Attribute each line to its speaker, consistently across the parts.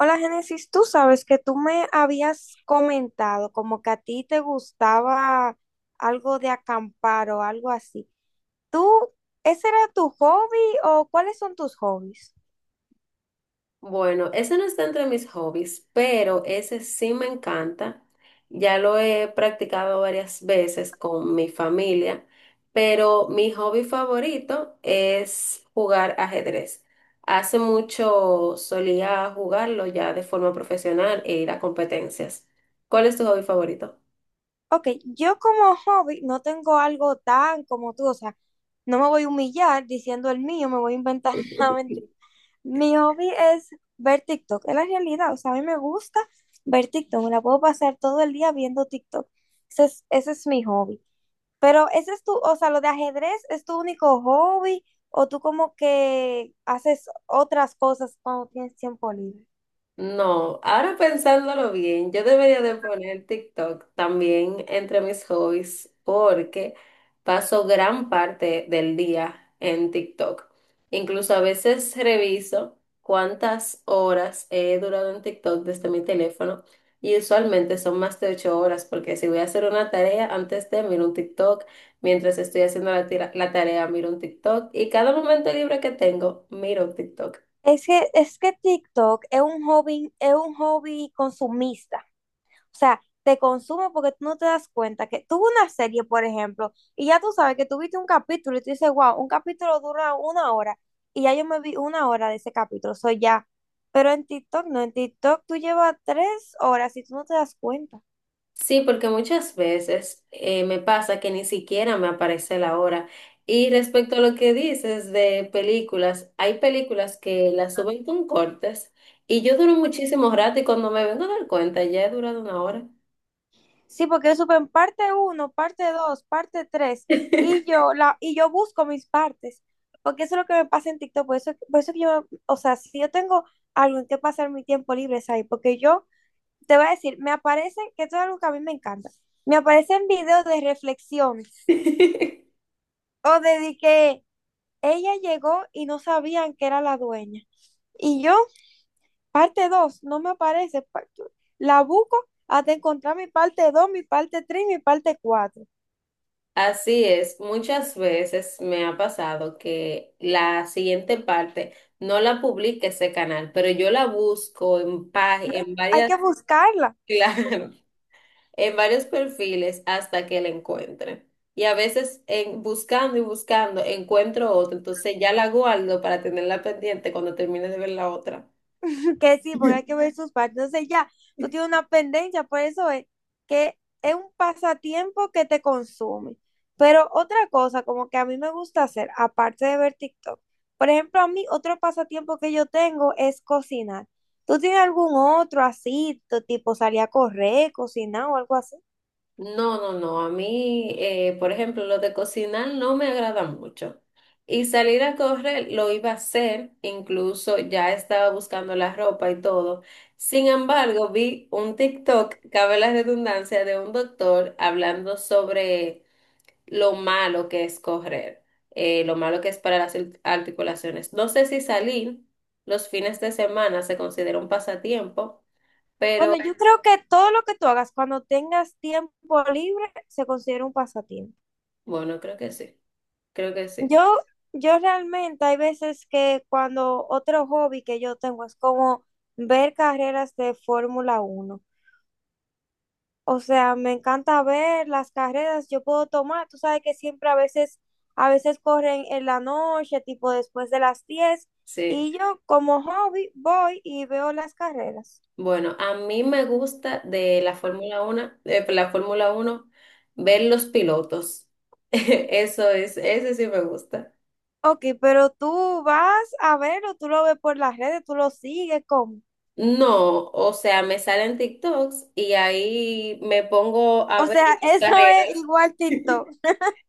Speaker 1: Hola, Génesis, tú sabes que tú me habías comentado como que a ti te gustaba algo de acampar o algo así. ¿Tú, ese era tu hobby o cuáles son tus hobbies?
Speaker 2: Bueno, ese no está entre mis hobbies, pero ese sí me encanta. Ya lo he practicado varias veces con mi familia, pero mi hobby favorito es jugar ajedrez. Hace mucho solía jugarlo ya de forma profesional e ir a competencias. ¿Cuál es tu hobby favorito?
Speaker 1: Ok, yo como hobby no tengo algo tan como tú, o sea, no me voy a humillar diciendo el mío, me voy a inventar una mentira. Mi hobby es ver TikTok, es la realidad, o sea, a mí me gusta ver TikTok, me la puedo pasar todo el día viendo TikTok. Ese es mi hobby. Pero ese es tu, o sea, lo de ajedrez es tu único hobby o tú como que haces otras cosas cuando tienes tiempo libre.
Speaker 2: No, ahora pensándolo bien, yo debería de poner TikTok también entre mis hobbies porque paso gran parte del día en TikTok. Incluso a veces reviso cuántas horas he durado en TikTok desde mi teléfono y usualmente son más de 8 horas porque si voy a hacer una tarea antes de miro un TikTok, mientras estoy haciendo la tarea miro un TikTok y cada momento libre que tengo miro un TikTok.
Speaker 1: Es que TikTok es un hobby consumista. O sea, te consume porque tú no te das cuenta que tuvo una serie, por ejemplo, y ya tú sabes que tuviste un capítulo y tú dices, wow, un capítulo dura 1 hora y ya yo me vi 1 hora de ese capítulo, soy ya. Pero en TikTok no, en TikTok tú llevas 3 horas y tú no te das cuenta.
Speaker 2: Sí, porque muchas veces me pasa que ni siquiera me aparece la hora. Y respecto a lo que dices de películas, hay películas que las suben con cortes y yo duro muchísimo rato y cuando me vengo a dar cuenta ya he durado una hora.
Speaker 1: Sí, porque yo supe en parte uno parte 2 parte 3 y yo busco mis partes, porque eso es lo que me pasa en TikTok, por eso que yo, o sea, si yo tengo algo en que pasar mi tiempo libre es ahí, porque yo te voy a decir, me aparecen, que esto es algo que a mí me encanta, me aparecen videos de reflexiones, o de que ella llegó y no sabían que era la dueña, y yo, parte 2 no me aparece, la busco hasta encontrar mi parte 2 mi parte 3 mi parte 4
Speaker 2: Así es, muchas veces me ha pasado que la siguiente parte no la publica ese canal, pero yo la busco en
Speaker 1: hay
Speaker 2: varias,
Speaker 1: que buscarla,
Speaker 2: claro, en varios perfiles hasta que la encuentre. Y a veces en, buscando y buscando encuentro otra, entonces ya la guardo para tenerla pendiente cuando termine de ver la otra.
Speaker 1: que sí, porque hay que ver sus partes. Entonces ya, tú tienes una pendencia, por eso es que es un pasatiempo que te consume. Pero otra cosa, como que a mí me gusta hacer, aparte de ver TikTok, por ejemplo, a mí otro pasatiempo que yo tengo es cocinar. ¿Tú tienes algún otro así, tipo salir a correr, cocinar o algo así?
Speaker 2: No, no, no, a mí, por ejemplo, lo de cocinar no me agrada mucho. Y salir a correr lo iba a hacer, incluso ya estaba buscando la ropa y todo. Sin embargo, vi un TikTok, cabe la redundancia, de un doctor hablando sobre lo malo que es correr, lo malo que es para las articulaciones. No sé si salir los fines de semana se considera un pasatiempo,
Speaker 1: Bueno,
Speaker 2: pero
Speaker 1: yo creo que todo lo que tú hagas cuando tengas tiempo libre se considera un pasatiempo.
Speaker 2: bueno, creo que sí,
Speaker 1: Yo, yo realmente hay veces que cuando otro hobby que yo tengo es como ver carreras de Fórmula 1. O sea, me encanta ver las carreras, yo puedo tomar, tú sabes que siempre a veces corren en la noche, tipo después de las 10,
Speaker 2: sí.
Speaker 1: y yo como hobby voy y veo las carreras.
Speaker 2: Bueno, a mí me gusta de la Fórmula 1, de la Fórmula uno ver los pilotos. Eso es, ese sí me gusta.
Speaker 1: Ok, pero tú vas a verlo, tú lo ves por las redes, tú lo sigues, ¿cómo?
Speaker 2: No, o sea, me salen TikToks y ahí me pongo a
Speaker 1: O
Speaker 2: ver
Speaker 1: sea,
Speaker 2: las
Speaker 1: eso
Speaker 2: carreras.
Speaker 1: es igual TikTok.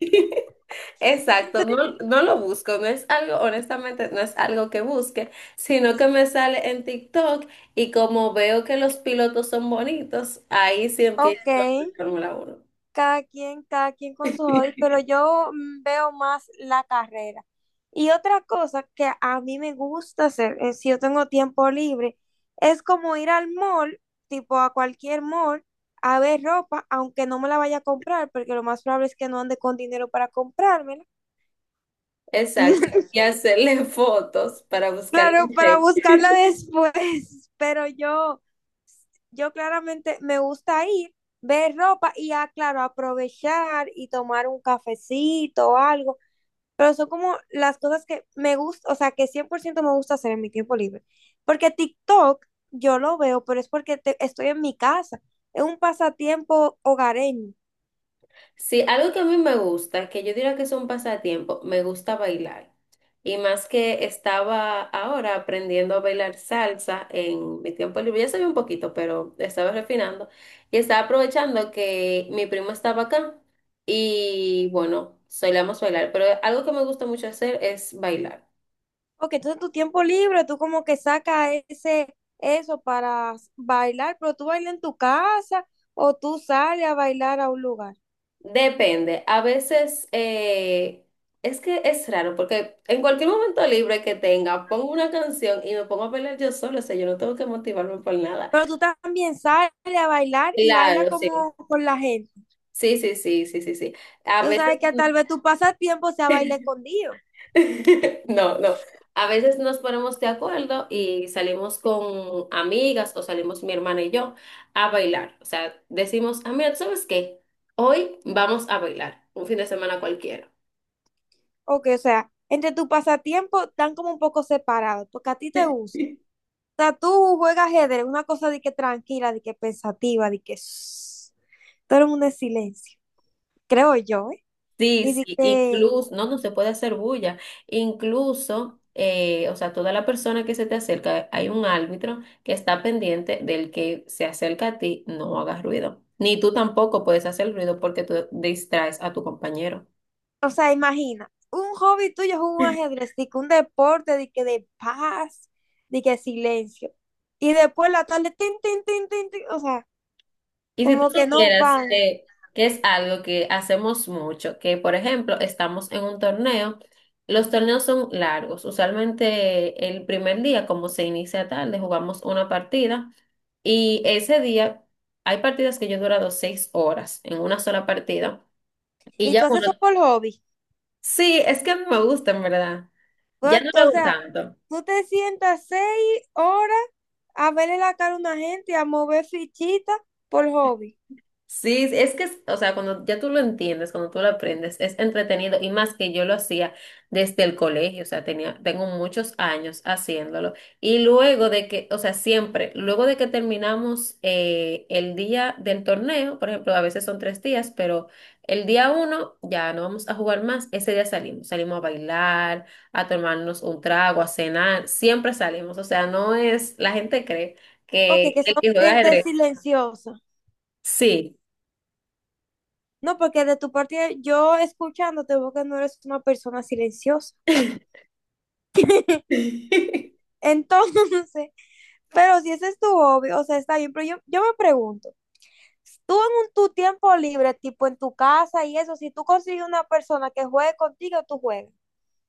Speaker 2: Exacto, no, no lo busco, no es algo, honestamente, no es algo que busque, sino que me sale en TikTok y como veo que los pilotos son bonitos, ahí sí empiezo
Speaker 1: Ok.
Speaker 2: a ver Fórmula 1.
Speaker 1: Cada quien con sus hobbies, pero yo veo más la carrera. Y otra cosa que a mí me gusta hacer, si yo tengo tiempo libre, es como ir al mall, tipo a cualquier mall, a ver ropa, aunque no me la vaya a comprar, porque lo más probable es que no ande con dinero para comprármela.
Speaker 2: Exacto, y hacerle fotos para buscar el
Speaker 1: Claro, para
Speaker 2: efecto.
Speaker 1: buscarla después, pero yo claramente me gusta ir, ver ropa y ya, claro, aprovechar y tomar un cafecito o algo. Pero son como las cosas que me gusta, o sea, que 100% me gusta hacer en mi tiempo libre. Porque TikTok yo lo veo, pero es porque estoy en mi casa, es un pasatiempo hogareño.
Speaker 2: Sí, algo que a mí me gusta, que yo diría que es un pasatiempo, me gusta bailar. Y más que estaba ahora aprendiendo a bailar salsa en mi tiempo libre, ya sabía un poquito, pero estaba refinando. Y estaba aprovechando que mi primo estaba acá y bueno, solíamos bailar. Pero algo que me gusta mucho hacer es bailar.
Speaker 1: Porque entonces tu tiempo libre, tú como que sacas ese, eso para bailar, pero tú bailas en tu casa o tú sales a bailar a un lugar.
Speaker 2: Depende, a veces es que es raro porque en cualquier momento libre que tenga, pongo una canción y me pongo a bailar yo solo, o sea, yo no tengo que motivarme por nada.
Speaker 1: Pero tú también sales a bailar y baila
Speaker 2: Claro, sí.
Speaker 1: como con la gente.
Speaker 2: Sí, sí, sí, sí, sí, sí. A
Speaker 1: Tú
Speaker 2: veces...
Speaker 1: sabes que tal vez tu pasatiempo sea bailar escondido.
Speaker 2: No, no. A veces nos ponemos de acuerdo y salimos con amigas o salimos mi hermana y yo a bailar. O sea, decimos, ah, mira, ¿tú ¿sabes qué? Hoy vamos a bailar, un fin de semana cualquiera.
Speaker 1: Ok, o sea, entre tu pasatiempo están como un poco separados, porque a ti te gusta. O sea, tú juegas ajedrez, una cosa de que tranquila, de que pensativa, de que shh, todo el mundo en silencio, creo yo, ¿eh?
Speaker 2: Sí,
Speaker 1: Y de
Speaker 2: sí,
Speaker 1: que,
Speaker 2: incluso, no, no se puede hacer bulla. Incluso, o sea, toda la persona que se te acerca, hay un árbitro que está pendiente del que se acerca a ti, no hagas ruido. Ni tú tampoco puedes hacer ruido porque tú distraes a tu compañero.
Speaker 1: o sea, imagina, un hobby tuyo es un ajedrez, de que un deporte, de que de paz, de que silencio. Y después la tarde, tin, tin, tin, tin, tin, o sea,
Speaker 2: Y si tú
Speaker 1: como que no
Speaker 2: supieras
Speaker 1: van.
Speaker 2: que es algo que hacemos mucho, que por ejemplo estamos en un torneo, los torneos son largos, usualmente el primer día, como se inicia tarde, jugamos una partida y ese día hay partidas que yo he durado 6 horas en una sola partida y
Speaker 1: Y
Speaker 2: ya
Speaker 1: tú haces
Speaker 2: bueno,
Speaker 1: eso por hobby.
Speaker 2: sí, es que a mí me gusta en verdad, ya
Speaker 1: Pues,
Speaker 2: no lo
Speaker 1: o
Speaker 2: hago
Speaker 1: sea,
Speaker 2: tanto.
Speaker 1: tú te sientas 6 horas a verle la cara a una gente, y a mover fichitas por hobby.
Speaker 2: Sí, es que, o sea, cuando ya tú lo entiendes, cuando tú lo aprendes, es entretenido y más que yo lo hacía desde el colegio, o sea, tenía, tengo muchos años haciéndolo. Y luego de que, o sea, siempre, luego de que terminamos el día del torneo, por ejemplo, a veces son 3 días, pero el día uno ya no vamos a jugar más, ese día salimos, salimos a bailar, a tomarnos un trago, a cenar, siempre salimos, o sea, no es, la gente cree
Speaker 1: Ok,
Speaker 2: que
Speaker 1: que
Speaker 2: el
Speaker 1: son
Speaker 2: que juega
Speaker 1: gente
Speaker 2: ajedrez,
Speaker 1: silenciosa.
Speaker 2: sí.
Speaker 1: No, porque de tu parte yo escuchándote veo que no eres una persona silenciosa. Entonces, pero si ese es tu hobby, o sea, está bien, pero yo me pregunto, tú en tu tiempo libre, tipo en tu casa y eso, si tú consigues una persona que juegue contigo, tú juegas.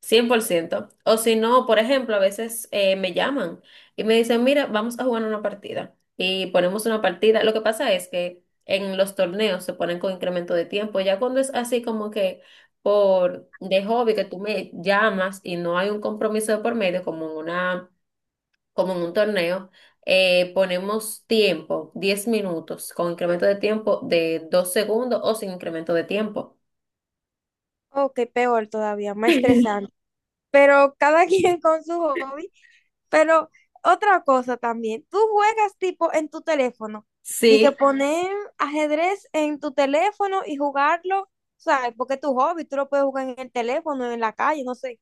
Speaker 2: 100%. O si no, por ejemplo, a veces me llaman y me dicen, mira, vamos a jugar una partida. Y ponemos una partida. Lo que pasa es que en los torneos se ponen con incremento de tiempo. Ya cuando es así como que por de hobby que tú me llamas y no hay un compromiso de por medio, como en una, como en un torneo, ponemos tiempo, 10 minutos, con incremento de tiempo de 2 segundos o sin incremento de tiempo.
Speaker 1: Ok, peor todavía, más estresante. Pero cada quien con su hobby. Pero otra cosa también, tú juegas tipo en tu teléfono, de que
Speaker 2: Sí,
Speaker 1: poner ajedrez en tu teléfono y jugarlo, ¿sabes? Porque es tu hobby, tú lo puedes jugar en el teléfono, en la calle, no sé.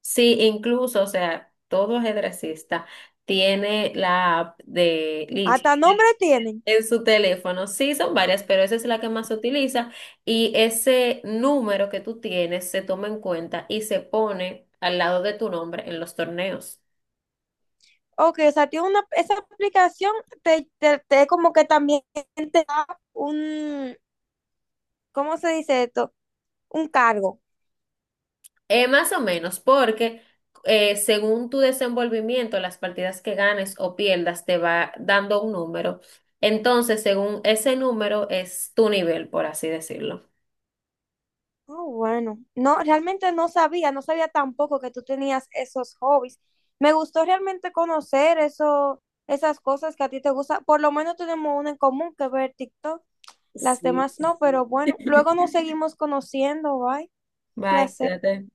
Speaker 2: sí, incluso, o sea, todo ajedrecista tiene la app de Lichess
Speaker 1: Hasta nombre tienen.
Speaker 2: en su teléfono. Sí, son varias, pero esa es la que más se utiliza y ese número que tú tienes se toma en cuenta y se pone al lado de tu nombre en los torneos.
Speaker 1: Ok, o sea, tiene una, esa aplicación te como que también te da un, ¿cómo se dice esto? Un cargo.
Speaker 2: Más o menos, porque según tu desenvolvimiento, las partidas que ganes o pierdas te va dando un número. Entonces, según ese número es tu nivel, por así decirlo.
Speaker 1: Ah, bueno. No, realmente no sabía, no sabía tampoco que tú tenías esos hobbies. Me gustó realmente conocer eso, esas cosas que a ti te gustan. Por lo menos tenemos una en común que ver TikTok. Las
Speaker 2: Sí.
Speaker 1: demás no, pero bueno, luego nos seguimos conociendo, bye.
Speaker 2: Bye,
Speaker 1: Placer.
Speaker 2: cuídate.